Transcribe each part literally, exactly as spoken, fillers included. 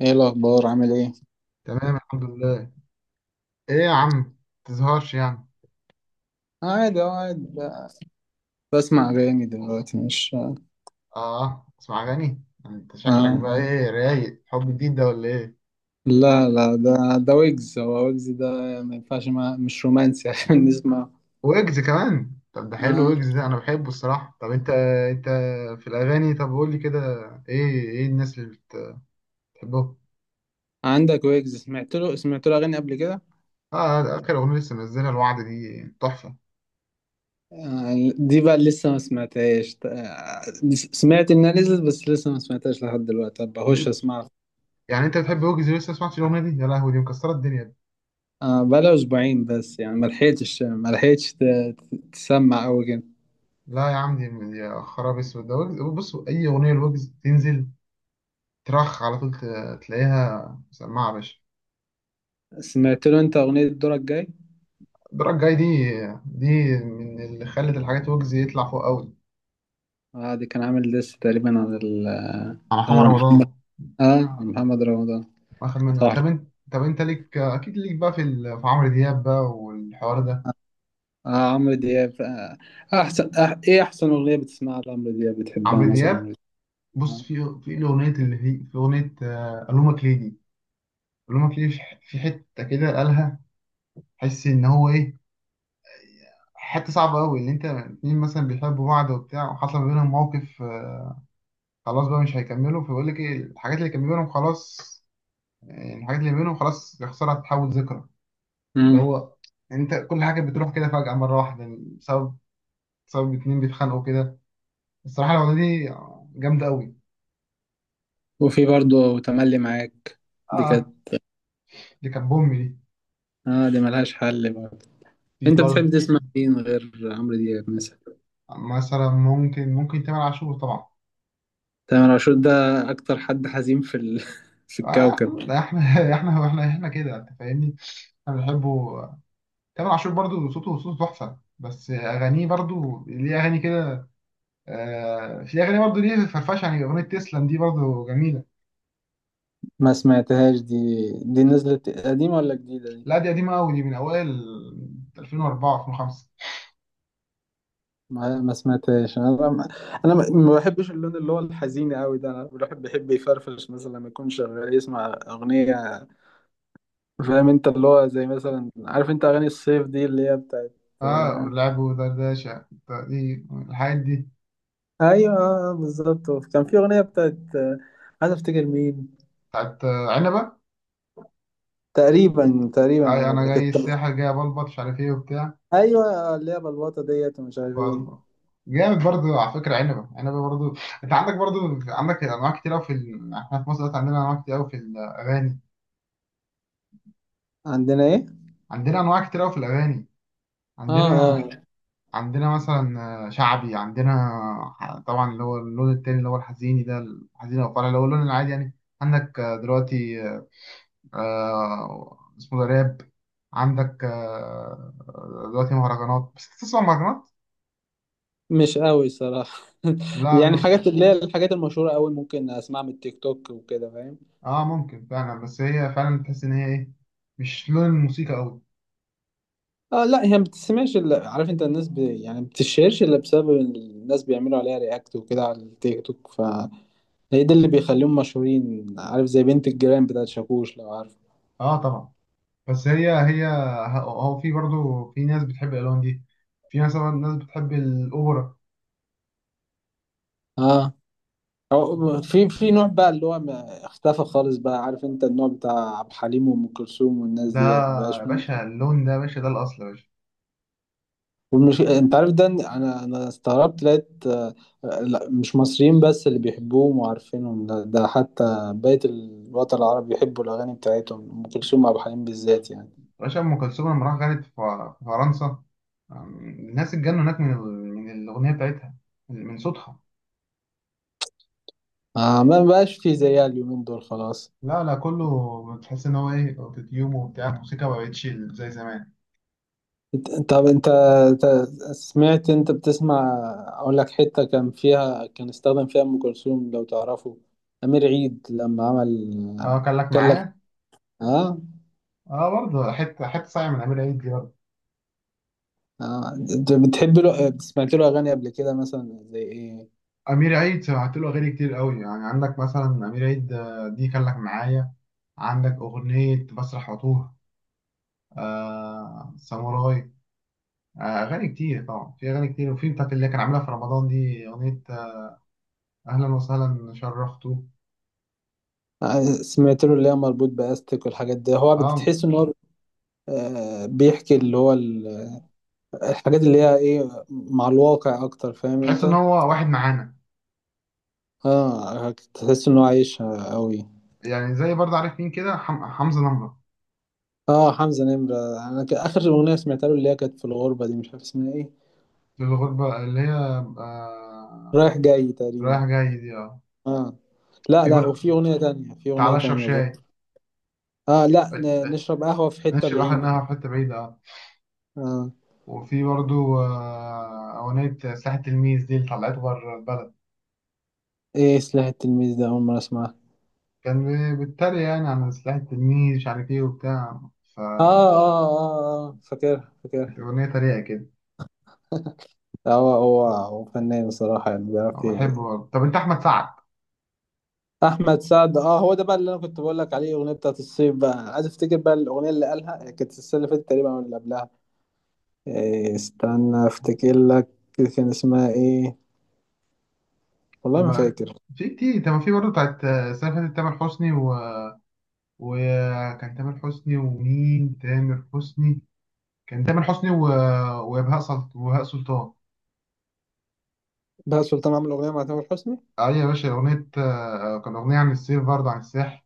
ايه الاخبار؟ عامل ايه؟ تمام الحمد لله. ايه يا عم، تزهقش يعني. عادي، اه، قاعد بسمع اغاني دلوقتي، مش، آه. اه اسمع اغاني. انت شكلك اه. بقى ايه، رايق، حب جديد ده ولا ايه؟ لا لا ده. ده ويجز، هو ويجز ده. ما ينفعش، ما مش رومانسي عشان نسمع. ويجز كمان؟ طب ده حلو، آه. ويجز ده انا بحبه الصراحه. طب انت، انت في الاغاني، طب قول لي كده، ايه ايه الناس اللي بتحبهم؟ عندك ويجز؟ سمعت له سمعت له اغاني قبل كده؟ اه ده اخر اغنيه لسه منزلها، الوعد، دي تحفه. آه. دي بقى لسه ما سمعتهاش، آه. سمعت انها نزلت بس لسه ما سمعتهاش لحد دلوقتي. طب بخش ل- اسمعها. يعني انت بتحب ويجز لسه ما سمعتش الاغنيه دي؟ يا لهوي، دي مكسره الدنيا دي. آه. بقى اسبوعين بس، يعني ما لحقتش ما لحقتش ت- تسمع قوي كده. لا يا عم، دي دي يا خراب اسود، ده ويجز. بص، اي اغنيه لويجز تنزل ترخ على طول، ت- تلاقيها مسمعة يا باشا. سمعت له انت اغنية دورك جاي؟ الدرجة الجاية دي، دي من اللي خلت الحاجات ويجز يطلع فوق قوي. اه، دي كان عامل ديس تقريبا على ال... على محمد على محمد. رمضان اه، على محمد رمضان. واخد منها. صح. طب انت، طب انت ليك اكيد، ليك بقى في ال... في عمرو دياب بقى والحوار ده. اه، عمرو دياب، آه. احسن، آه، ايه احسن اغنية بتسمعها لعمرو دياب بتحبها عمرو مثلا؟ دياب، عمرو بص دياب، في في الاغنية اللي هي، في اغنية آه، الومك ليه دي. الومك ليه، في ح- في حتة كده قالها، تحس ان هو ايه، حتة صعبة قوي. اللي انت اتنين مثلا بيحبوا بعض وبتاع، وحصل ما بينهم موقف، آه، خلاص بقى مش هيكملوا. فبيقول لك ايه الحاجات اللي كان بينهم خلاص، يعني الحاجات اللي بينهم خلاص يخسرها تتحول ذكرى. اللي امم. هو انت كل حاجه بتروح كده فجاه مره واحده بسبب، بسبب اتنين بيتخانقوا كده. الصراحه الاغنيه دي جامده قوي. وفي برضه تملي معاك. دي اه كانت... دي كانت بوم دي، اه، دي ملهاش حل برضه. دي انت بتحب برضه. تسمع مين غير عمرو دياب مثلا؟ مثلا ممكن، ممكن تامر عاشور طبعا. تامر عاشور ده اكتر حد حزين في ال... في آه، الكوكب. ده احنا احنا احنا احنا كده انت فاهمني، احنا بنحبه. تامر عاشور برضه، صوته صوته تحفه، بس اغانيه برضه ليه اغاني كده. آه في اغاني برضه ليه فرفشه، يعني اغنيه تسلم دي برضه جميله. ما سمعتهاش دي. دي نزلت قديمة ولا جديدة دي؟ لا دي قديمة أوي، دي من أوائل ألفين وأربعة ألفين وخمسة. ما ما سمعتهاش انا، ما- انا، ما ما بحبش اللون اللي هو الحزين قوي ده. انا الواحد بيحب يفرفش، مثلا لما يكون شغال يسمع اغنيه. فاهم انت؟ اللي هو زي مثلا، عارف انت اغاني الصيف دي اللي هي بتاعت اه آه،... لعبوا دردشة، دي الحاجات دي، ايوه، آه، بالظبط. كان في اغنيه بتاعت آه،... عايز افتكر مين. بتاعت آه، عنبة. تقريبا تقريبا أي أنا هنا جاي كانت. الساحة جاي بلبط مش عارف إيه وبتاع. ايوه، آه، اللي هي بلبطه ديت ومش عارف ايه. بلبط جامد برضو على فكرة. عنبة عنبة برضو. أنت عندك برضو، عندك أنواع كتير أوي في ال... إحنا في مصر دلوقتي عندنا أنواع كتير أوي في الأغاني. عندنا ايه؟ عندنا أنواع كتير أوي في الأغاني. اه، عندنا اه. عندنا مثلا شعبي، عندنا طبعا اللي هو اللون التاني اللي هو الحزيني ده، الحزين او الفرح اللي هو اللون العادي يعني. عندك دلوقتي آه، اسمه ده راب. عندك آه، دلوقتي مهرجانات. بس تسمع مهرجانات؟ مش قوي صراحه لا يعني نص. الحاجات اللي هي الحاجات المشهوره قوي ممكن اسمعها من التيك توك وكده، فاهم؟ اه ممكن فعلا، بس هي فعلا تحس ان هي ايه، مش لون الموسيقى قوي. اه، لا، هي ما بتسمعش الا، عارف انت الناس ب... يعني ما بتشهرش الا بسبب إن الناس بيعملوا عليها رياكت وكده على التيك توك، فهي ده اللي بيخليهم مشهورين، عارف؟ زي بنت الجيران بتاعت شاكوش، لو عارف. اه طبعا. بس هي هي هو في برضو في ناس بتحب الالوان دي. في مثلا ناس بتحب الاوبرا. اه. أو في في نوع بقى اللي هو ما اختفى خالص بقى، عارف انت النوع بتاع عبد الحليم وام كلثوم والناس ده ديت، مبقاش. يا باشا، اللون ده يا باشا ده الاصل يا باشا. والمش...، انت عارف ده، إن انا انا استغربت لقيت آه،... آه، لا مش مصريين بس اللي بيحبوهم وعارفينهم ده، ده حتى بقية الوطن العربي بيحبوا الاغاني بتاعتهم، ام كلثوم وعبد الحليم بالذات يعني. باشا أم كلثوم لما راح غنت في ف- في فرنسا، أم، الناس اتجنوا هناك من ال- من الأغنية بتاعتها، من صوتها. آه، ما بقاش في زيها اليومين دول خلاص. لا لا، كله بتحس إن هو إيه، أوتوتيوم وبتاع، الموسيقى ما بقتش زي زمان. إنت- طب انت، إنت سمعت، انت بتسمع... اقول لك حتة كان فيها، كان استخدم فيها ام كلثوم، لو تعرفه، امير عيد لما عمل أه كان لك كان لك. معايا. اه، أه برضه حتة، حتة صايعة من أمير عيد دي برضه. آه. انت بتحب له؟ سمعت له اغاني قبل كده مثلا زي ايه؟ أمير عيد سمعت له أغاني كتير قوي يعني. عندك مثلا أمير عيد آه، دي كان لك معايا. عندك أغنية بسرح وأتوه. آه ساموراي. آه أغاني كتير طبعا، في أغاني كتير، وفي بتاعت اللي كان عاملها في رمضان دي أغنية اهلا وسهلا شرفتوا. سمعت له اللي هي مربوط باستك والحاجات دي، هو اه بتحس ان هو آه، بيحكي اللي هو ال... الحاجات اللي هي ايه، مع الواقع اكتر، فاهم تحس ان انت؟ هو واحد معانا اه، تحس انه عايشها قوي. يعني. زي برضه عارف مين كده، حم... حمزة نمرة. اه، حمزة نمرة. انا ك- اخر اغنية سمعتها له اللي هي كانت في الغربة دي، مش عارف اسمها ايه. في الغربة اللي هي آه... رايح جاي تقريبا. رايح جاي دي اه. اه. لا في لا، برضه وفي اغنية تانية، في اغنية تعالى اشرب تانية شاي. برضه. اه، لا آه، ن- آه، نشرب قهوة في حتة نشرب بعيدة. احنا في حتة بعيدة اه. اه. وفي برضه آه، أغنية سلاح التلميذ دي اللي طلعته بره البلد. ايه سلاح التلميذ ده؟ اول مرة اسمعها. كان بي- بيتريق يعني عن سلاح التلميذ مش عارف ايه وبتاع، اه، فكانت اه، اه، آه فاكرها فاكرها. أغنية تريقة كده. هو هو هو فنان بصراحة، يعني أنا بيعرف بحبه ي- برضه. طب أنت أحمد سعد؟ أحمد سعد، أه هو ده بقى اللي أنا كنت بقول لك عليه، الأغنية بتاعت الصيف بقى. أنا عايز أفتكر بقى الأغنية اللي قالها، كانت السنة اللي فاتت تقريبا أو اللي قبلها. إيه، استنى أفتكر لك. كان اسمها إيه؟ طب والله ما ما فاكر. في كتير، طب ما في برضه بتاعت آه، السنة اللي فاتت تامر حسني و... وكان تامر حسني ومين، تامر حسني كان تامر حسني و... وبهاء سلط... وبهاء سلطان. بقى سلطان عامل أغنية مع تامر حسني؟ أيوة يا باشا، أغنية آه، كان أغنية عن السيف برضه، عن الساحل.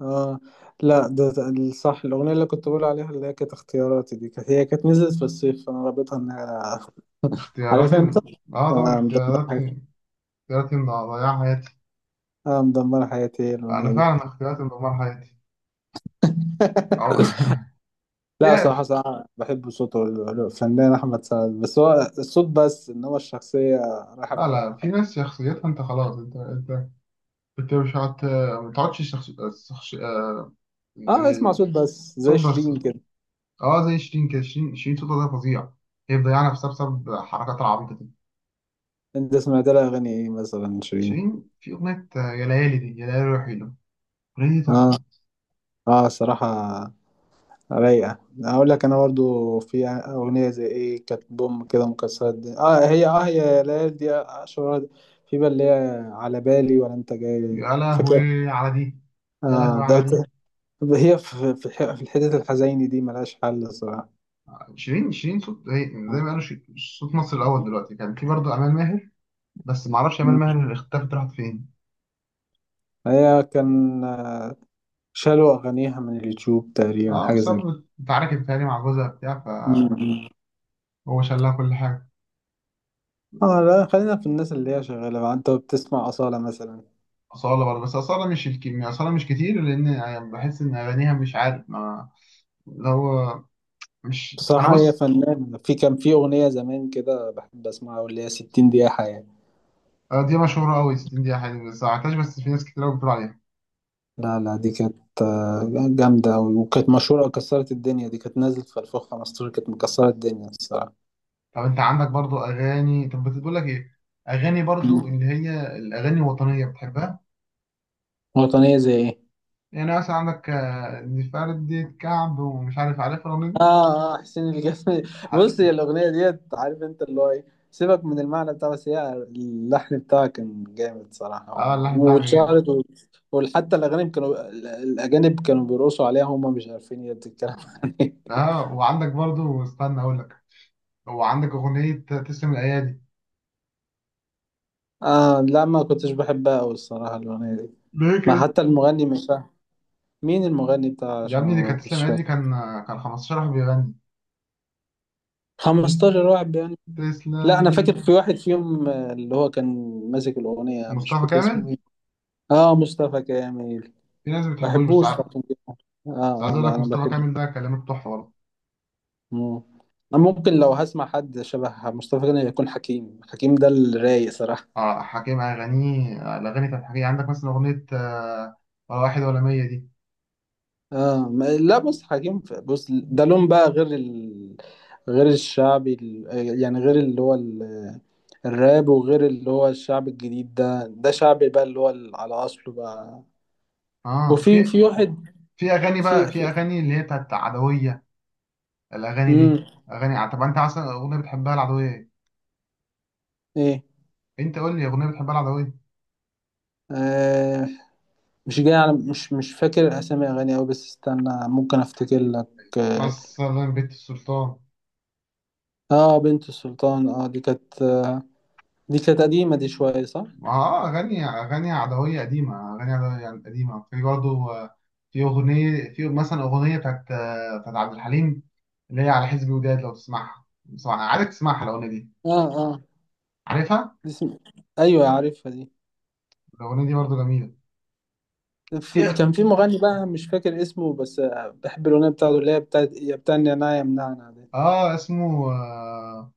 أه، لا ده ده الصح، الأغنية اللي كنت بقول عليها اللي هي كانت اختياراتي دي، كانت هي كانت نزلت في الصيف، فأنا رابطها إن هي عارف اختياراتي، أنت. اه طبعا آه، مدمرة حياتي. اختياراتي، اختياراتي اللي ضيع حياتي، آه، مدمرة حياتي أنا الأغنية دي. فعلا اختياراتي اللي دمر حياتي. أو في. لا، صراحة صراحة بحب صوته الفنان أحمد سعد، بس هو الصوت بس، إنما الشخصية رايحة في لا لا داهية في خالص. ناس شخصيتها، انت خلاص، انت انت انت مش هت، ما تقعدش شخص... شخص... آه، آه، اسمع يعني. صوت بس صوت زي بس، شيرين كده. اه زي شيرين كده. شيرين، شيرين صوتها ده فظيع. هي مضيعة نفسها بسبب حركاتها العبيطة دي. أنت سمعت لها أغاني إيه مثلا شيرين؟ شيرين في أغنية آه، يا ليالي، دي يا ليالي روحي له. الأغنية دي آه. تحفة. آه، صراحة رايقة. أقول لك أنا برضو في أغنية زي إيه، كانت بوم كده مكسرة الدنيا، آه هي آه هي يا ليالي، دي أشهر. في بقى اللي هي على بالي ولا أنت جاي. يا فاكر؟ لهوي على دي، يا آه لهوي ده. على دي. هي في في في الحتت الحزينة دي ملهاش حل صراحة. شيرين، شيرين صوت هي زي ما قالوا، شي- صوت مصر الأول دلوقتي. كان في برضه أمال ماهر، بس معرفش أمال آه. ماهر اختفت راحت فين. هي كان آه، شالوا أغانيها من اليوتيوب تقريبا، اه حاجة زي كده. بسبب اتعاركت تاني مع جوزها بتاع، مم. فهو شالها كل حاجة. اه، لا خلينا في الناس اللي هي شغالة بقى. انت بتسمع أصالة مثلا؟ أصالة برضه، بس أصالة مش الكمية، أصالة مش كتير، لأن يعني بحس إن أغانيها مش عارف، ما اللي هو مش انا بصراحة هي بص. فنانة. في كان في أغنية زمان كده بحب أسمعها، واللي هي 60 دقيقة حياة. آه، دي مشهورة أوي، ستين دقيقة حلوة، بس ما عملتهاش، بس في ناس كتير أوي بتقول عليها. لا لا، دي كانت آه، جامدة أوي وكانت مشهورة كسرت الدنيا، دي كانت نازلة في ألفين وخمستاشر، كانت مكسرة الدنيا الصراحة. طب أنت عندك برضو أغاني، طب بتقول لك إيه، أغاني مم. برضو اللي هي الأغاني الوطنية بتحبها. وطنية زي إيه؟ يعني مثلا عندك آه، دي فردة كعب، ومش عارف، عارف الأغنية دي؟ اه، اه، حسين الجسمي بص ح- هي الاغنيه ديت، عارف انت اللي هو ايه، سيبك من المعنى بتاعها، بس هي اللحن بتاعها كان جامد صراحه أه و- اللحن بتاعها جامد. واتشهرت و- وحتى الاغاني كانوا ال- الاجانب كانوا بيرقصوا عليها، هم مش عارفين هي بتتكلم عن ايه. أه وعندك برضو، استنى أقول لك، وعندك أغنية تسلم الأيادي. اه، لا، ما كنتش بحبها قوي الصراحه الاغنيه دي. ليه ما كده؟ حتى المغني مش فاهم مين المغني بتاعها، يا عشان أنا ابني دي ما كانت تسلم كنتش الأيادي دي، فاكر. كان كان خمسة عشر واحد بيغني. خمسة عشر تس- واحد يعني؟ لا انا تسلمي. فاكر في واحد فيهم آه، اللي هو كان ماسك الاغنيه، مش مصطفى فاكر اسمه كامل. ايه. اه، مصطفى كامل. في ناس ما ما بتحبوش، بس بحبوش عا- عشان كده؟ بس عايز اه، اه، أقول لا لك انا مصطفى بحبه. كامل ده كلمات تحفة. مم. انا ممكن لو هسمع حد شبه مصطفى غني، يكون حكيم. حكيم ده الرايق صراحة. اه حكيم، اغانيه، الاغاني بتاعت حكيم، عندك مثلا اغنيه آه، ولا واحد ولا مية دي. اه، ما لا بص حكيم ف- بص ده لون بقى غير ال...، غير الشعبي ال...، يعني غير اللي هو ال... الراب، وغير اللي هو الشعب الجديد ده. ده شعبي بقى اللي هو ال... على اصله بقى. اه وفي في، في واحد، في اغاني في، بقى، في في... اغاني اللي هي بتاعت عدويه. الاغاني دي مم. اغاني ع- طب انت اصلا اغنيه بتحبها العدويه ايه، ايه، انت قول لي اغنيه بتحبها العدويه. آه، مش جاي على، مش، مش فاكر اسامي اغاني اوي، بس استنى ممكن افتكر لك. اه. مثلا بيت السلطان. آه، بنت السلطان. اه دي كانت آه، دي كانت قديمة دي شوية، صح؟ اه اغاني، اغاني عدويه قديمه، اغاني عدويه يعني قديمه. في برضه آه، في اغنيه، في مثلا اغنيه بتاعت آه، بتاعت عبد الحليم اللي هي على حزب وداد، لو تسمعها، تسمعها عارف، تسمعها الاغنيه دي، اه، اه. عارفها دي اسم...، ايوه عارفها دي. الاغنيه دي برضه جميله. في...، في كان في مغني بقى مش فاكر اسمه، بس آه بحب الاغنية بتاعته اللي هي بتاعت يا بتاع النعناع يا منعنع دي. اه اسمه آه،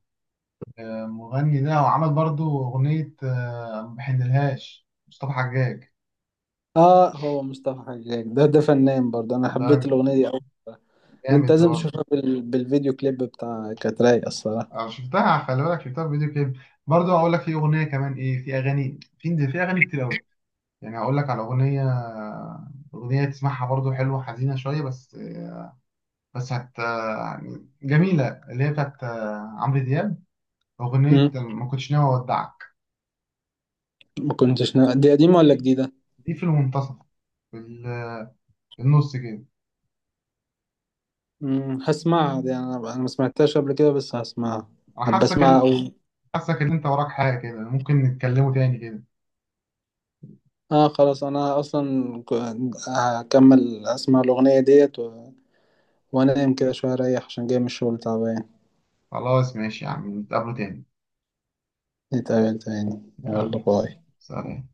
مغني ده، وعمل برضو أغنية آه، ما بحنلهاش، مصطفى حجاج اه، هو مصطفى حجاج ده، ده فنان برضه، انا حبيت ده الاغنية دي اوي. ده انت جامد ده لازم برضه. تشوفها بال... بالفيديو كليب بتاع، كانت رايقة الصراحة. آه، شفتها، خلي بالك شفتها في فيديو كليب. برضه هقول لك في أغنية كمان إيه، في أغاني، في في أغاني كتير أوي، يعني هقول لك على أغنية، أغنية تسمعها برضه حلوة، حزينة شوية بس، بس هت يعني جميلة، اللي هي بتاعت آه، عمرو دياب، أغنية مم. ما كنتش ناوي أودعك. ما كنتش نا... دي قديمة ولا جديدة؟ دي في المنتصف، في ال- في النص كده. امم، هسمعها دي، انا، انا ما سمعتهاش قبل كده بس هسمعها. أنا هبقى حاسك، اسمعها أوي. حاسك ان انت وراك حاجة كده، ممكن نتكلموا تاني كده. اه، خلاص، انا اصلا ك- هكمل اسمع الاغنيه ديت و... وانام كده شويه اريح، عشان جاي من الشغل تعبان. خلاص ماشي يا عم، نتقابلوا تاني. نتقابل تاني، يلا يلا باي. سلام.